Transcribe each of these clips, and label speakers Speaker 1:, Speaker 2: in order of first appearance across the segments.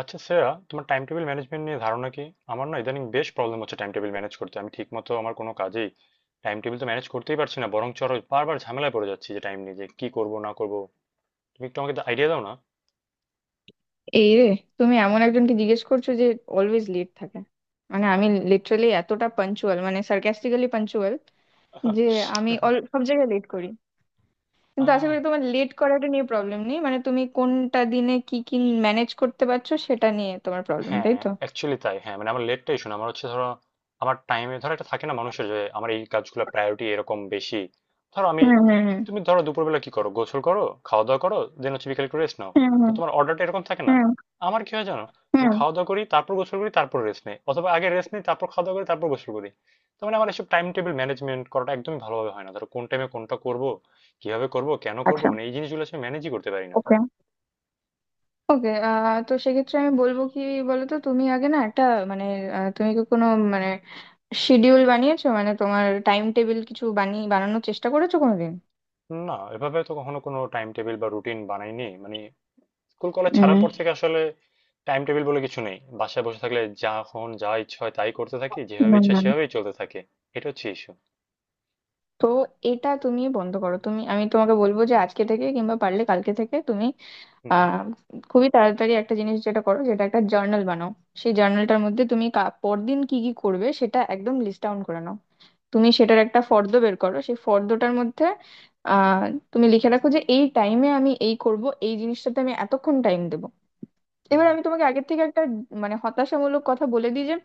Speaker 1: আচ্ছা শ্রেয়া, তোমার time table management নিয়ে ধারণা কি? আমার না ইদানিং বেশ প্রবলেম হচ্ছে টাইম টেবিল ম্যানেজ করতে। আমি ঠিকমতো আমার কোনো কাজেই টাইম টেবিল তো ম্যানেজ করতেই পারছি না, বরং চরো বারবার ঝামেলায় পড়ে যাচ্ছি যে টাইম নিয়ে যে কি করব না করব। তুমি একটু আমাকে আইডিয়া দাও না।
Speaker 2: এই রে, তুমি এমন একজনকে জিজ্ঞেস করছো যে অলওয়েজ লেট থাকে। আমি লিটারালি এতটা পাঞ্চুয়াল, সার্কাস্টিক্যালি পাঞ্চুয়াল যে আমি সব জায়গায় লেট করি। কিন্তু আশা
Speaker 1: আহ
Speaker 2: করি তোমার লেট করাটা নিয়ে প্রবলেম নেই, তুমি কোনটা দিনে কি কি ম্যানেজ করতে পারছো সেটা নিয়ে তোমার প্রবলেম,
Speaker 1: হ্যাঁ
Speaker 2: তাই তো?
Speaker 1: অ্যাকচুয়ালি তাই, হ্যাঁ, মানে আমার লেটটাই শোনা আমার হচ্ছে, ধরো আমার টাইমে ধরো একটা থাকে না মানুষের, যে আমার এই কাজগুলো প্রায়োরিটি এরকম বেশি। ধরো আমি,
Speaker 2: হুম হুম
Speaker 1: তুমি ধরো দুপুরবেলা কি করো, গোসল করো, খাওয়া দাওয়া করো, দেন হচ্ছে বিকেলে একটু রেস্ট নাও।
Speaker 2: হুম হুম
Speaker 1: তো
Speaker 2: হুম
Speaker 1: তোমার অর্ডারটা এরকম থাকে না।
Speaker 2: হুম
Speaker 1: আমার কি হয় জানো, আমি
Speaker 2: হুম
Speaker 1: খাওয়া দাওয়া করি, তারপর গোসল করি, তারপর রেস্ট নেই, অথবা আগে রেস্ট নেই তারপর খাওয়া দাওয়া করি তারপর গোসল করি। তো মানে আমার এসব টাইম টেবিল ম্যানেজমেন্ট করাটা একদমই ভালোভাবে হয় না, ধরো কোন টাইমে কোনটা করব, কিভাবে করব, কেন করব,
Speaker 2: আচ্ছা,
Speaker 1: মানে এই জিনিসগুলো আসলে ম্যানেজই করতে পারি না।
Speaker 2: ওকে। ওকে, তো সেক্ষেত্রে আমি বলবো কি, বলতো তুমি আগে না একটা, মানে তুমি কি কোনো, মানে শিডিউল বানিয়েছো, মানে তোমার টাইম টেবিল কিছু বানানোর চেষ্টা করেছো কোনোদিন?
Speaker 1: না, এভাবে তো কখনো কোনো টাইম টেবিল বা রুটিন বানাইনি, মানে স্কুল কলেজ ছাড়ার
Speaker 2: উম,
Speaker 1: পর থেকে আসলে টাইম টেবিল বলে কিছু নেই, বাসায় বসে থাকলে যখন যা ইচ্ছা হয় তাই করতে থাকি, যেভাবে
Speaker 2: না,
Speaker 1: ইচ্ছা
Speaker 2: না, না।
Speaker 1: সেভাবেই চলতে থাকে। এটা হচ্ছে ইস্যু।
Speaker 2: তো এটা তুমি বন্ধ করো। আমি তোমাকে বলবো যে আজকে থেকে কিংবা পারলে কালকে থেকে তুমি
Speaker 1: হুম
Speaker 2: আহ খুবই তাড়াতাড়ি একটা জিনিস যেটা করো, যেটা একটা জার্নাল বানাও। সেই জার্নালটার মধ্যে তুমি পরদিন কি কি করবে সেটা একদম লিস্ট ডাউন করে নাও। তুমি সেটার একটা ফর্দ বের করো। সেই ফর্দটার মধ্যে আহ তুমি লিখে রাখো যে এই টাইমে আমি এই করব, এই জিনিসটাতে আমি এতক্ষণ টাইম দেব। এবার
Speaker 1: হুম।
Speaker 2: আমি তোমাকে আগের থেকে একটা মানে হতাশামূলক কথা বলে দিই যে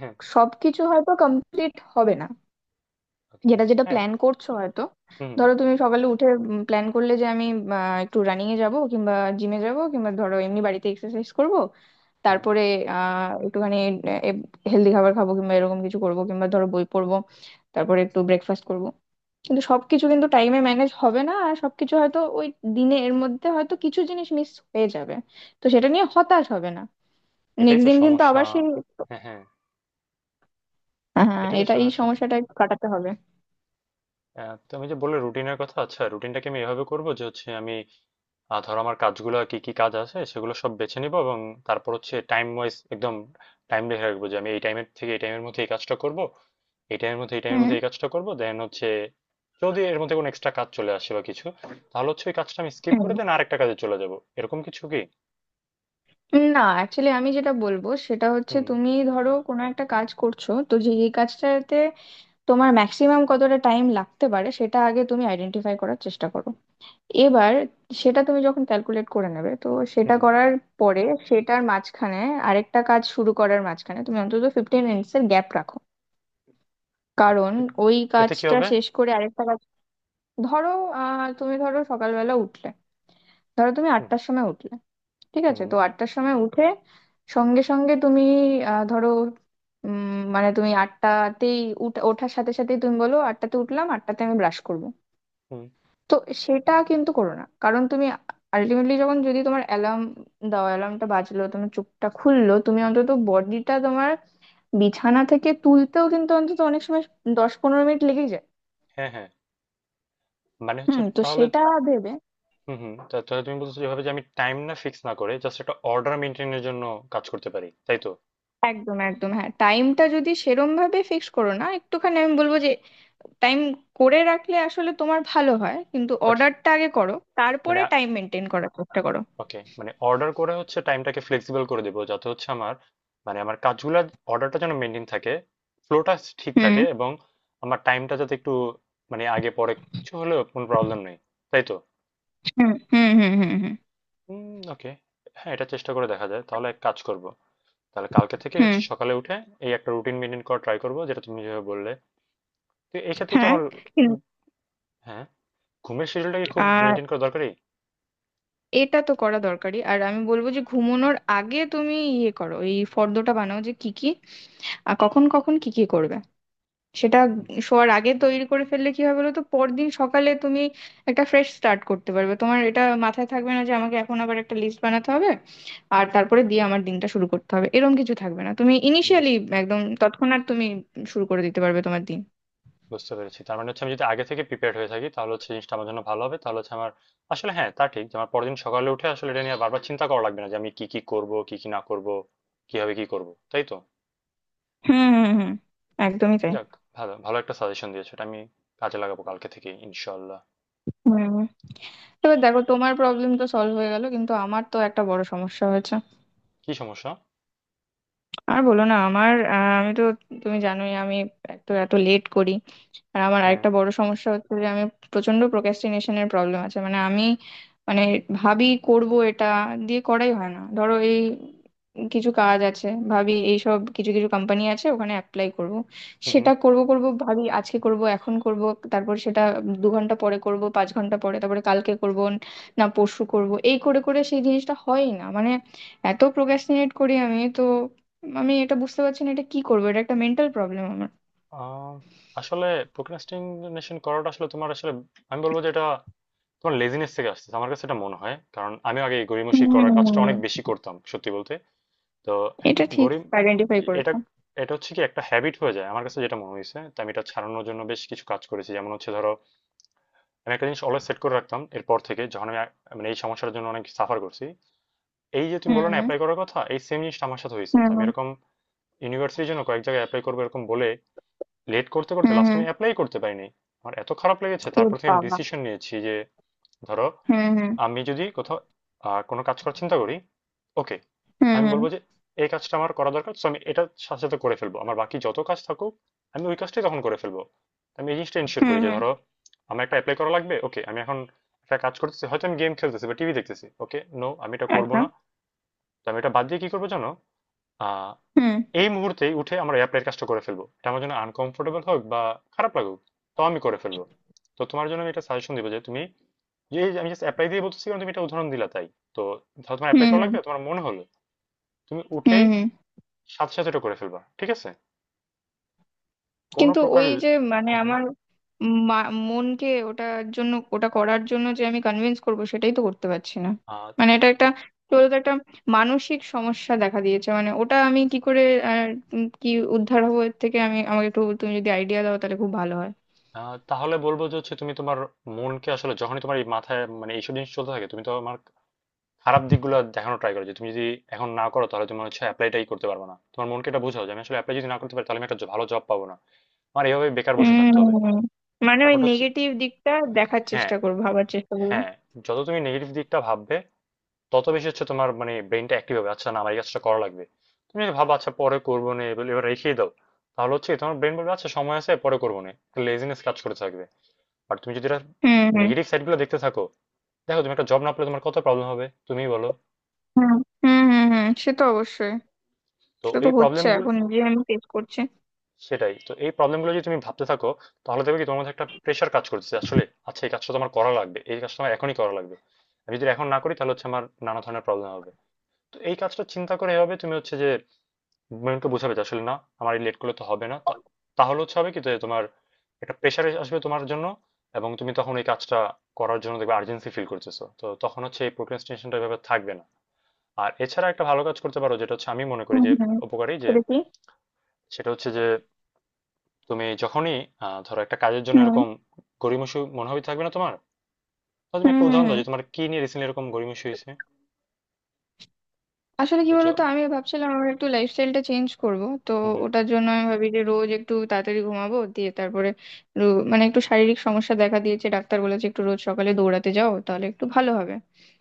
Speaker 1: হ্যাঁ।
Speaker 2: সবকিছু হয়তো কমপ্লিট হবে না,
Speaker 1: ওকে।
Speaker 2: যেটা যেটা
Speaker 1: হ্যাঁ।
Speaker 2: প্ল্যান করছো হয়তো।
Speaker 1: হুম।
Speaker 2: ধরো তুমি সকালে উঠে প্ল্যান করলে যে আমি একটু রানিং এ যাব, কিংবা জিমে যাব, কিংবা ধরো এমনি বাড়িতে এক্সারসাইজ করব,
Speaker 1: হ্যাঁ।
Speaker 2: তারপরে একটুখানি হেলদি খাবার খাবো, কিংবা এরকম কিছু করব, কিংবা ধরো বই পড়বো, তারপরে একটু ব্রেকফাস্ট করব। কিন্তু সবকিছু কিন্তু টাইমে ম্যানেজ হবে না, আর সবকিছু হয়তো ওই দিনে এর মধ্যে হয়তো কিছু জিনিস মিস হয়ে যাবে। তো সেটা নিয়ে হতাশ হবে না,
Speaker 1: এটাই
Speaker 2: নেক্সট
Speaker 1: তো
Speaker 2: দিন কিন্তু
Speaker 1: সমস্যা।
Speaker 2: আবার সেই।
Speaker 1: হ্যাঁ, হ্যাঁ।
Speaker 2: হ্যাঁ,
Speaker 1: এটাই তো
Speaker 2: এটা এই
Speaker 1: সমস্যা।
Speaker 2: সমস্যাটা একটু কাটাতে হবে।
Speaker 1: তুমি যে বললে রুটিনের কথা, আচ্ছা রুটিনটাকে আমি এভাবে করব যে হচ্ছে আমি, ধরো আমার কাজগুলো কি কি কাজ আছে সেগুলো সব বেছে নিব, এবং তারপর হচ্ছে টাইম ওয়াইজ একদম টাইম দেখে রাখবো যে আমি এই টাইমের থেকে এই টাইমের মধ্যে এই কাজটা করব, এই টাইমের মধ্যে এই টাইমের
Speaker 2: হুম
Speaker 1: মধ্যে এই কাজটা করবো, দেন হচ্ছে যদি এর মধ্যে কোনো এক্সট্রা কাজ চলে আসে বা কিছু, তাহলে হচ্ছে ওই কাজটা আমি স্কিপ করে
Speaker 2: হুম।
Speaker 1: দেন আরেকটা কাজে চলে যাব। এরকম কিছু কি?
Speaker 2: না, অ্যাকচুয়ালি আমি যেটা বলবো সেটা হচ্ছে
Speaker 1: হুম
Speaker 2: তুমি ধরো কোনো একটা কাজ করছো, তো যে এই কাজটাতে তোমার ম্যাক্সিমাম কতটা টাইম লাগতে পারে সেটা আগে তুমি আইডেন্টিফাই করার চেষ্টা করো। এবার সেটা তুমি যখন ক্যালকুলেট করে নেবে, তো
Speaker 1: হুম
Speaker 2: সেটা
Speaker 1: হুম।
Speaker 2: করার পরে সেটার মাঝখানে, আরেকটা কাজ শুরু করার মাঝখানে তুমি অন্তত ফিফটিন মিনিটস এর গ্যাপ রাখো। কারণ
Speaker 1: এ-
Speaker 2: ওই
Speaker 1: এতে কি
Speaker 2: কাজটা
Speaker 1: হবে?
Speaker 2: শেষ করে আরেকটা কাজ, ধরো তুমি ধরো সকালবেলা উঠলে, ধরো তুমি
Speaker 1: হুম
Speaker 2: আটটার সময় উঠলে, ঠিক আছে,
Speaker 1: হুম
Speaker 2: তো আটটার সময় উঠে সঙ্গে সঙ্গে তুমি ধরো উম, মানে তুমি আটটাতেই ওঠার সাথে সাথেই তুমি বলো আটটাতে উঠলাম, আটটাতে আমি ব্রাশ করব,
Speaker 1: হুম।
Speaker 2: তো সেটা কিন্তু করো না। কারণ তুমি আলটিমেটলি যখন, যদি তোমার অ্যালার্ম দাও, অ্যালার্মটা বাজলো, তোমার চোখটা খুললো, তুমি অন্তত বডিটা তোমার বিছানা থেকে তুলতেও কিন্তু অন্তত অনেক সময়, দশ পনেরো মিনিট লেগে যায়।
Speaker 1: হ্যাঁ হ্যাঁ, মানে
Speaker 2: হুম,
Speaker 1: হচ্ছে
Speaker 2: তো
Speaker 1: তাহলে
Speaker 2: সেটা ভেবে।
Speaker 1: হুম হুম, তা তাহলে তুমি বলছো যেভাবে যে আমি টাইম না ফিক্স না করে জাস্ট একটা অর্ডার মেনটেনের জন্য কাজ করতে পারি, তাই তো?
Speaker 2: একদম, একদম, হ্যাঁ। টাইমটা যদি সেরম ভাবে ফিক্স করো না, একটুখানি আমি বলবো যে টাইম করে রাখলে আসলে তোমার ভালো হয়, কিন্তু
Speaker 1: বাট
Speaker 2: অর্ডারটা আগে করো,
Speaker 1: মানে
Speaker 2: তারপরে টাইম মেনটেন করার চেষ্টা করো।
Speaker 1: ওকে, মানে অর্ডার করে হচ্ছে টাইমটাকে ফ্লেক্সিবল করে দেবো, যাতে হচ্ছে আমার, মানে আমার কাজগুলো অর্ডারটা যেন মেনটেন থাকে, ফ্লোটা ঠিক
Speaker 2: হুম
Speaker 1: থাকে, এবং আমার টাইমটা যাতে একটু, মানে আগে পরে কিছু হলেও কোনো প্রবলেম নেই, তাই তো?
Speaker 2: হুম হুম হুম হুম হুম
Speaker 1: হুম ওকে। হ্যাঁ এটা চেষ্টা করে দেখা যায়, তাহলে এক কাজ করব, তাহলে কালকে থেকে
Speaker 2: হুম,
Speaker 1: হচ্ছে সকালে উঠে এই একটা রুটিন মেনটেন করা ট্রাই করবো যেটা তুমি যেভাবে বললে। তো এই ক্ষেত্রে কি
Speaker 2: হ্যাঁ
Speaker 1: আমার,
Speaker 2: কিন্তু।
Speaker 1: উম, হ্যাঁ, ঘুমের শিডিউলটা কি খুব
Speaker 2: আর
Speaker 1: মেনটেন করা দরকারি?
Speaker 2: এটা তো করা দরকারি, আর আমি বলবো যে ঘুমানোর আগে তুমি ইয়ে করো, এই ফর্দটা বানাও যে কি কি আর কখন কখন কি কি করবে সেটা।
Speaker 1: হুম,
Speaker 2: শোয়ার আগে তৈরি করে ফেললে কি হবে বলো তো, পরদিন সকালে তুমি একটা ফ্রেশ স্টার্ট করতে পারবে, তোমার এটা মাথায় থাকবে না যে আমাকে এখন আবার একটা লিস্ট বানাতে হবে আর তারপরে দিয়ে আমার দিনটা শুরু করতে হবে, এরকম কিছু থাকবে না। তুমি ইনিশিয়ালি
Speaker 1: বুঝতে
Speaker 2: একদম তৎক্ষণাৎ তুমি শুরু করে দিতে পারবে তোমার দিন।
Speaker 1: বুঝতে পেরেছি। তার মানে হচ্ছে আমি যদি আগে থেকে প্রিপেয়ার্ড হয়ে থাকি তাহলে হচ্ছে জিনিসটা আমার জন্য ভালো হবে। তাহলে হচ্ছে আমার আসলে, হ্যাঁ, তা ঠিক যে আমার পরের দিন সকালে উঠে আসলে এটা নিয়ে আর বারবার চিন্তা করা লাগবে না যে আমি কি, কি করব, কি, কি না করব, কিভাবে কি করব। তাই তো?
Speaker 2: হুম হুম হুম একদমই তাই।
Speaker 1: যাক, ভালো, ভালো একটা সাজেশন দিয়েছো। এটা আমি কাজে লাগাবো কালকে থেকেই ইনশাআল্লাহ।
Speaker 2: হুম, এবার দেখো তোমার প্রবলেম তো সলভ হয়ে গেল, কিন্তু আমার তো একটা বড় সমস্যা হয়েছে।
Speaker 1: কি সমস্যা?
Speaker 2: আর বলো না, আমার আমি তো, তুমি জানোই আমি এত এত লেট করি। আর আমার
Speaker 1: হ্যাঁ।
Speaker 2: আরেকটা বড় সমস্যা হচ্ছে যে আমি প্রচন্ড প্রোক্রাস্টিনেশনের প্রবলেম আছে। মানে ভাবি করব এটা, দিয়ে করাই হয় না। ধরো এই কিছু কাজ আছে, ভাবি এইসব কিছু কিছু কোম্পানি আছে ওখানে অ্যাপ্লাই করব,
Speaker 1: হু, হু।
Speaker 2: সেটা করব করব ভাবি, আজকে করব, এখন করব, তারপর সেটা দু ঘন্টা পরে করব, পাঁচ ঘন্টা পরে, তারপরে কালকে করব, না পরশু করব, এই করে করে সেই জিনিসটা হয় না। মানে এত প্রোক্রাস্টিনেট করি আমি তো। আমি এটা বুঝতে পারছি না, এটা কি করবো, এটা একটা মেন্টাল প্রবলেম আমার।
Speaker 1: আ আসলে procrastination করাটা আসলে তোমার আসলে, আমি বলব যে এটা তোমার লেজিনেস থেকে আসতেছে। আমার কাছে এটা মনে হয়। কারণ আমিও আগে এই গড়িমসি করার কাজটা অনেক
Speaker 2: হুম,
Speaker 1: বেশি করতাম সত্যি বলতে। তো
Speaker 2: এটা ঠিক
Speaker 1: গরিব
Speaker 2: আইডেন্টিফাই
Speaker 1: এটা,
Speaker 2: করেছো।
Speaker 1: এটা হচ্ছে কি একটা হ্যাবিট হয়ে যায়, আমার কাছে যেটা মনে হয়েছে, তো আমি এটা ছাড়ানোর জন্য বেশ কিছু কাজ করেছি, যেমন হচ্ছে ধরো আমি একটা জিনিস অলওয়েজ সেট করে রাখতাম এরপর থেকে যখন মানে এই সমস্যার জন্য অনেক সাফার করছি। এই যে তুমি বললে
Speaker 2: হুম
Speaker 1: না অ্যাপ্লাই করার কথা, এই সেম জিনিসটা আমার সাথে হয়েছে, তো আমি
Speaker 2: হুম
Speaker 1: এরকম ইউনিভার্সিটির জন্য কয়েক জায়গায় অ্যাপ্লাই করবো এরকম বলে লেট করতে করতে
Speaker 2: হুম
Speaker 1: লাস্ট
Speaker 2: হুম
Speaker 1: আমি অ্যাপ্লাই করতে পারিনি। আমার এত খারাপ লেগেছে,
Speaker 2: এ
Speaker 1: তারপর থেকে আমি
Speaker 2: বাবা।
Speaker 1: ডিসিশন নিয়েছি যে ধরো
Speaker 2: হুম হুম
Speaker 1: আমি যদি কোথাও কোনো কাজ করার চিন্তা করি, ওকে,
Speaker 2: হুম
Speaker 1: আমি
Speaker 2: হুম
Speaker 1: বলব যে এই কাজটা আমার করা দরকার। সো আমি এটার সাথে, সাথে করে ফেলব। আমার বাকি যত কাজ থাকুক, আমি ওই কাজটাই তখন করে ফেলব। আমি এই জিনিসটা এনশিওর
Speaker 2: হুম
Speaker 1: করি
Speaker 2: হুম
Speaker 1: যে
Speaker 2: হুম
Speaker 1: ধরো আমার একটা এপ্লাই করা লাগবে। ওকে, আমি এখন একটা কাজ করতেছি। হয়তো আমি গেম খেলতেছি বা টিভি দেখতেছি। ওকে, নো আমি এটা করব
Speaker 2: আচ্ছা।
Speaker 1: না। তো আমি এটা বাদ দিয়ে কি করব জানো? আ
Speaker 2: হুম
Speaker 1: এই মুহূর্তেই উঠে আমরা অ্যাপ্লাইয়ের কাজটা করে ফেলবো, এটা আমার জন্য আনকমফোর্টেবল হোক বা খারাপ লাগুক, তাও আমি করে ফেলবো। তো তোমার জন্য আমি এটা সাজেশন দিব যে তুমি, যে আমি জাস্ট অ্যাপ্লাই দিয়ে বলতেছি কারণ তুমি এটা উদাহরণ দিলা তাই, তো ধরো তোমার
Speaker 2: হুম
Speaker 1: অ্যাপ্লাই করা লাগবে,
Speaker 2: হুম
Speaker 1: তোমার মনে হলো, তুমি
Speaker 2: হুম
Speaker 1: উঠেই
Speaker 2: হুম
Speaker 1: সাথে সাথে এটা করে ফেলবা, ঠিক আছে? কোনো
Speaker 2: কিন্তু
Speaker 1: প্রকার,
Speaker 2: ওই যে, মানে
Speaker 1: হ্যাঁ, হ্যাঁ।
Speaker 2: আমার মনকে ওটার জন্য, ওটা করার জন্য যে আমি কনভিন্স করব, সেটাই তো করতে পারছি না।
Speaker 1: আহ,
Speaker 2: মানে এটা একটা,
Speaker 1: ক-
Speaker 2: কি বলতো, একটা মানসিক সমস্যা দেখা দিয়েছে। মানে ওটা আমি কি করে আহ, কি উদ্ধার হবো এর থেকে, আমি, আমাকে একটু তুমি যদি আইডিয়া দাও তাহলে খুব ভালো হয়।
Speaker 1: তাহলে বলবো যে হচ্ছে তুমি তোমার মনকে আসলে যখনই তোমার এই মাথায় মানে এইসব জিনিস চলতে থাকে তুমি তোমার খারাপ দিকগুলো দেখানো ট্রাই করো যে তুমি যদি এখন না করো তাহলে তুমি হচ্ছে অ্যাপ্লাইটাই করতে পারবে না, তোমার মনকে এটা বোঝাও যে আমি আসলে অ্যাপ্লাই যদি না করতে পারি তাহলে আমি একটা ভালো জব পাবো না, আমার এইভাবে বেকার বসে থাকতে হবে।
Speaker 2: উম, মানে ওই
Speaker 1: ব্যাপারটা হচ্ছে
Speaker 2: নেগেটিভ দিকটা দেখার
Speaker 1: হ্যাঁ
Speaker 2: চেষ্টা করবো, ভাবার চেষ্টা করবো।
Speaker 1: হ্যাঁ, যত তুমি নেগেটিভ দিকটা ভাববে তত বেশি হচ্ছে তোমার মানে ব্রেনটা অ্যাক্টিভ হবে, আচ্ছা না আমার এই কাজটা করা লাগবে। তুমি যদি ভাবো আচ্ছা পরে করবো না এবার এবার রেখেই দাও, তাহলে হচ্ছে তোমার ব্রেন বলবে আচ্ছা সময় আছে পরে করবো না, লেজিনেস কাজ করে থাকবে। আর তুমি যদি
Speaker 2: হুম হুম
Speaker 1: নেগেটিভ সাইডগুলো দেখতে থাকো, দেখো তুমি একটা জব না পেলে তোমার কত প্রবলেম হবে তুমিই বলো।
Speaker 2: হুম হুম হুম হুম সে তো অবশ্যই,
Speaker 1: তো
Speaker 2: সেটা তো
Speaker 1: এই
Speaker 2: হচ্ছে
Speaker 1: প্রবলেমগুলো,
Speaker 2: এখন যে আমি ফেস করছি।
Speaker 1: সেটাই তো, এই প্রবলেমগুলো যদি তুমি ভাবতে থাকো তাহলে দেখবে কি তোমার মধ্যে একটা প্রেশার কাজ করতেছে আসলে, আচ্ছা এই কাজটা তো আমার করা লাগবে, এই কাজটা আমার এখনই করা লাগবে, আমি যদি এখন না করি তাহলে হচ্ছে আমার নানা ধরনের প্রবলেম হবে। তো এই কাজটা চিন্তা করে এভাবে তুমি হচ্ছে যে মাইন্ডকে বোঝাবে যে আসলে না আমার এই লেট করলে তো হবে না তাহলে হচ্ছে হবে কি যে তোমার একটা প্রেশার আসবে তোমার জন্য, এবং তুমি তখন এই কাজটা করার জন্য দেখবে আর্জেন্সি ফিল করতেছো, তো তখন হচ্ছে এই প্রোক্রাস্টিনেশনটা এভাবে থাকবে না। আর এছাড়া একটা ভালো কাজ করতে পারো যেটা হচ্ছে আমি মনে করি
Speaker 2: হুম
Speaker 1: যে
Speaker 2: হুম
Speaker 1: উপকারী, যে
Speaker 2: সেটা কি?
Speaker 1: সেটা হচ্ছে যে তুমি যখনই, ধরো একটা কাজের জন্য
Speaker 2: হুম
Speaker 1: এরকম গড়িমসি মনোভাবই থাকবে না তোমার, তাহলে তুমি
Speaker 2: হুম
Speaker 1: একটা
Speaker 2: হুম
Speaker 1: উদাহরণ
Speaker 2: হুম
Speaker 1: দাও যে তোমার কি নিয়ে রিসেন্টলি এরকম গড়িমসি হয়েছে?
Speaker 2: আসলে কি
Speaker 1: এই যে,
Speaker 2: বলতো, আমি ভাবছিলাম আমার একটু লাইফস্টাইলটা চেঞ্জ করব, তো
Speaker 1: হুম হুম
Speaker 2: ওটার জন্য আমি ভাবি যে রোজ একটু তাড়াতাড়ি ঘুমাবো, দিয়ে তারপরে রো- মানে একটু শারীরিক সমস্যা দেখা দিয়েছে, ডাক্তার বলেছে একটু রোজ সকালে দৌড়াতে যাও তাহলে একটু ভালো হবে।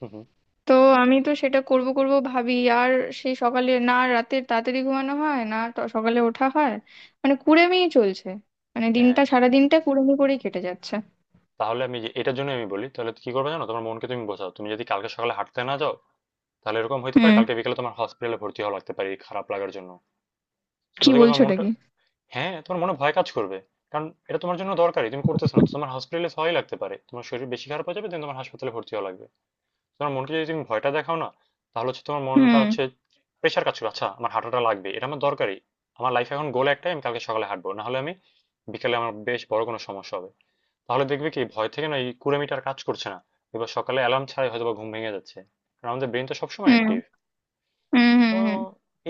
Speaker 1: হুম হুম,
Speaker 2: তো আমি তো সেটা করব করব ভাবি, আর সেই সকালে না, রাতে তাড়াতাড়ি ঘুমানো হয় না, সকালে ওঠা হয়, মানে কুড়েমিই চলছে, মানে দিনটা,
Speaker 1: হ্যাঁ,
Speaker 2: সারা দিনটা কুড়েমি করেই কেটে যাচ্ছে।
Speaker 1: তাহলে আমি এটার জন্য আমি বলি তাহলে কি করবে জানো, তোমার মনকে তুমি বোঝাও তুমি যদি কালকে সকালে হাঁটতে না যাও তাহলে এরকম হতে পারে
Speaker 2: হুম,
Speaker 1: কালকে বিকেলে তোমার হসপিটালে ভর্তি হওয়া লাগতে পারে এই খারাপ লাগার জন্য। তো
Speaker 2: কি
Speaker 1: দেখো
Speaker 2: বলছো,
Speaker 1: তোমার
Speaker 2: এটা
Speaker 1: মনটা,
Speaker 2: কি!
Speaker 1: হ্যাঁ তোমার মনে ভয় কাজ করবে, কারণ এটা তোমার জন্য দরকারি তুমি করতেছ না, তো তোমার হসপিটালে ভয় লাগতে পারে, তোমার শরীর বেশি খারাপ হয়ে যাবে, তুমি তোমার হাসপাতালে ভর্তি হওয়া লাগবে। তোমার মনকে যদি তুমি ভয়টা দেখাও না, তাহলে হচ্ছে তোমার মনটা
Speaker 2: হুম
Speaker 1: হচ্ছে প্রেশার কাজ করবে, আচ্ছা আমার হাঁটাটা লাগবে এটা আমার দরকারি, আমার লাইফে এখন গোল একটাই আমি কালকে সকালে হাঁটবো, না হলে আমি বিকেলে আমার বেশ বড় কোনো সমস্যা হবে। তাহলে দেখবে কি ভয় থেকে না এই কুড়েমিটার কাজ করছে না, এবার সকালে অ্যালার্ম ছাড়াই হয়তো বা ঘুম ভেঙে যাচ্ছে, কারণ আমাদের ব্রেন তো সবসময়
Speaker 2: হুম
Speaker 1: অ্যাক্টিভ।
Speaker 2: হুম হুম
Speaker 1: তো
Speaker 2: হুম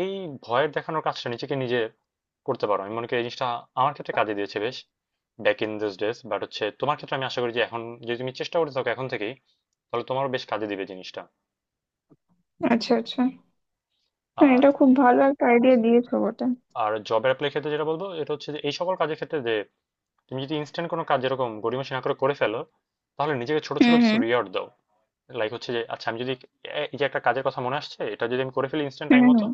Speaker 1: এই ভয়ের দেখানোর কাজটা নিজেকে নিজে করতে পারো, আমি মনে করি এই জিনিসটা আমার ক্ষেত্রে কাজে দিয়েছে বেশ back in this days, but হচ্ছে তোমার ক্ষেত্রে আমি আশা করি যে এখন যদি তুমি চেষ্টা করে থাকো এখন থেকেই, তাহলে তোমারও বেশ কাজে দিবে জিনিসটা।
Speaker 2: আচ্ছা, আচ্ছা, হ্যাঁ
Speaker 1: আর
Speaker 2: এটা খুব ভালো একটা আইডিয়া দিয়েছো বটে।
Speaker 1: আর জব অ্যাপ্লাই ক্ষেত্রে যেটা বলবো এটা হচ্ছে যে এই সকল কাজের ক্ষেত্রে যে তুমি যদি ইনস্ট্যান্ট কোনো কাজ যেরকম গড়িমসি না করে করে ফেলো, তাহলে নিজেকে ছোট ছোট
Speaker 2: হুম
Speaker 1: কিছু
Speaker 2: হুম
Speaker 1: রিওয়ার্ড দাও। লাইক হচ্ছে যে আচ্ছা আমি যদি এই যে একটা কাজের কথা মনে আসছে এটা যদি আমি করে ফেলি ইনস্ট্যান্ট
Speaker 2: হুম
Speaker 1: টাইম মতো,
Speaker 2: হুম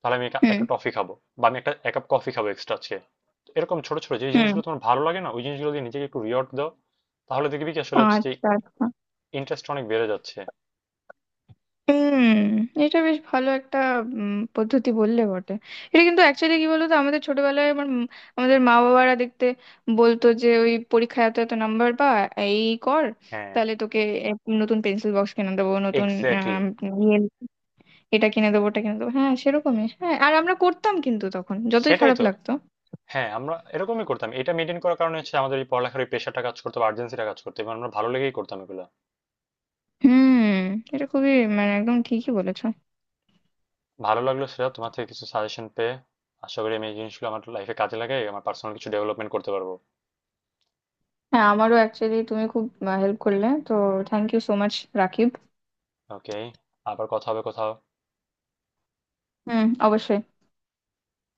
Speaker 1: তাহলে আমি একটা
Speaker 2: হুম
Speaker 1: টফি খাবো, বা আমি একটা এক কাপ কফি খাবো এক্সট্রা আজকে। তো এরকম ছোট ছোট যে
Speaker 2: হুম
Speaker 1: জিনিসগুলো তোমার ভালো লাগে না, ওই জিনিসগুলো দিয়ে নিজেকে একটু রিওয়ার্ড দাও, তাহলে দেখবি কি আসলে হচ্ছে যে
Speaker 2: আচ্ছা, আচ্ছা।
Speaker 1: ইন্টারেস্ট অনেক বেড়ে যাচ্ছে।
Speaker 2: হুম, এটা বেশ ভালো একটা পদ্ধতি বললে বটে। এটা কিন্তু অ্যাকচুয়ালি, কি বলতো, আমাদের ছোটবেলায় আমার আমাদের মা বাবারা দেখতে বলতো যে ওই পরীক্ষায় এত এত নাম্বার পা, এই কর,
Speaker 1: হ্যাঁ
Speaker 2: তাহলে তোকে এক নতুন পেন্সিল বক্স কিনে দেবো, নতুন
Speaker 1: এক্স্যাক্টলি,
Speaker 2: আম, ইয়ে এটা কিনে দেবো, ওটা কিনে দেবো। হ্যাঁ, সেরকমই। হ্যাঁ, আর আমরা করতাম কিন্তু তখন যতই
Speaker 1: সেটাই
Speaker 2: খারাপ
Speaker 1: তো।
Speaker 2: লাগতো।
Speaker 1: হ্যাঁ, আমরা এরকমই করতাম। এটা মেইনটেইন করার কারণে হচ্ছে আমাদের এই পড়ালেখার এই প্রেশারটা কাজ করতো বা আর্জেন্সিটা কাজ করতো এবং আমরা ভালো লেগেই করতাম এগুলা।
Speaker 2: হুম, এটা খুবই, মানে একদম ঠিকই বলেছো।
Speaker 1: ভালো লাগলো সেটা, তোমার থেকে কিছু সাজেশন পেয়ে। আশা করি আমি এই জিনিসগুলো আমার লাইফে কাজে লাগাই আমার পার্সোনাল কিছু ডেভেলপমেন্ট করতে পারবো।
Speaker 2: হ্যাঁ, আমারও অ্যাকচুয়ালি, তুমি খুব হেল্প করলে তো। Thank you so much, Rakib.
Speaker 1: Okay, আবার কথা হবে কোথাও।
Speaker 2: হুম, অবশ্যই।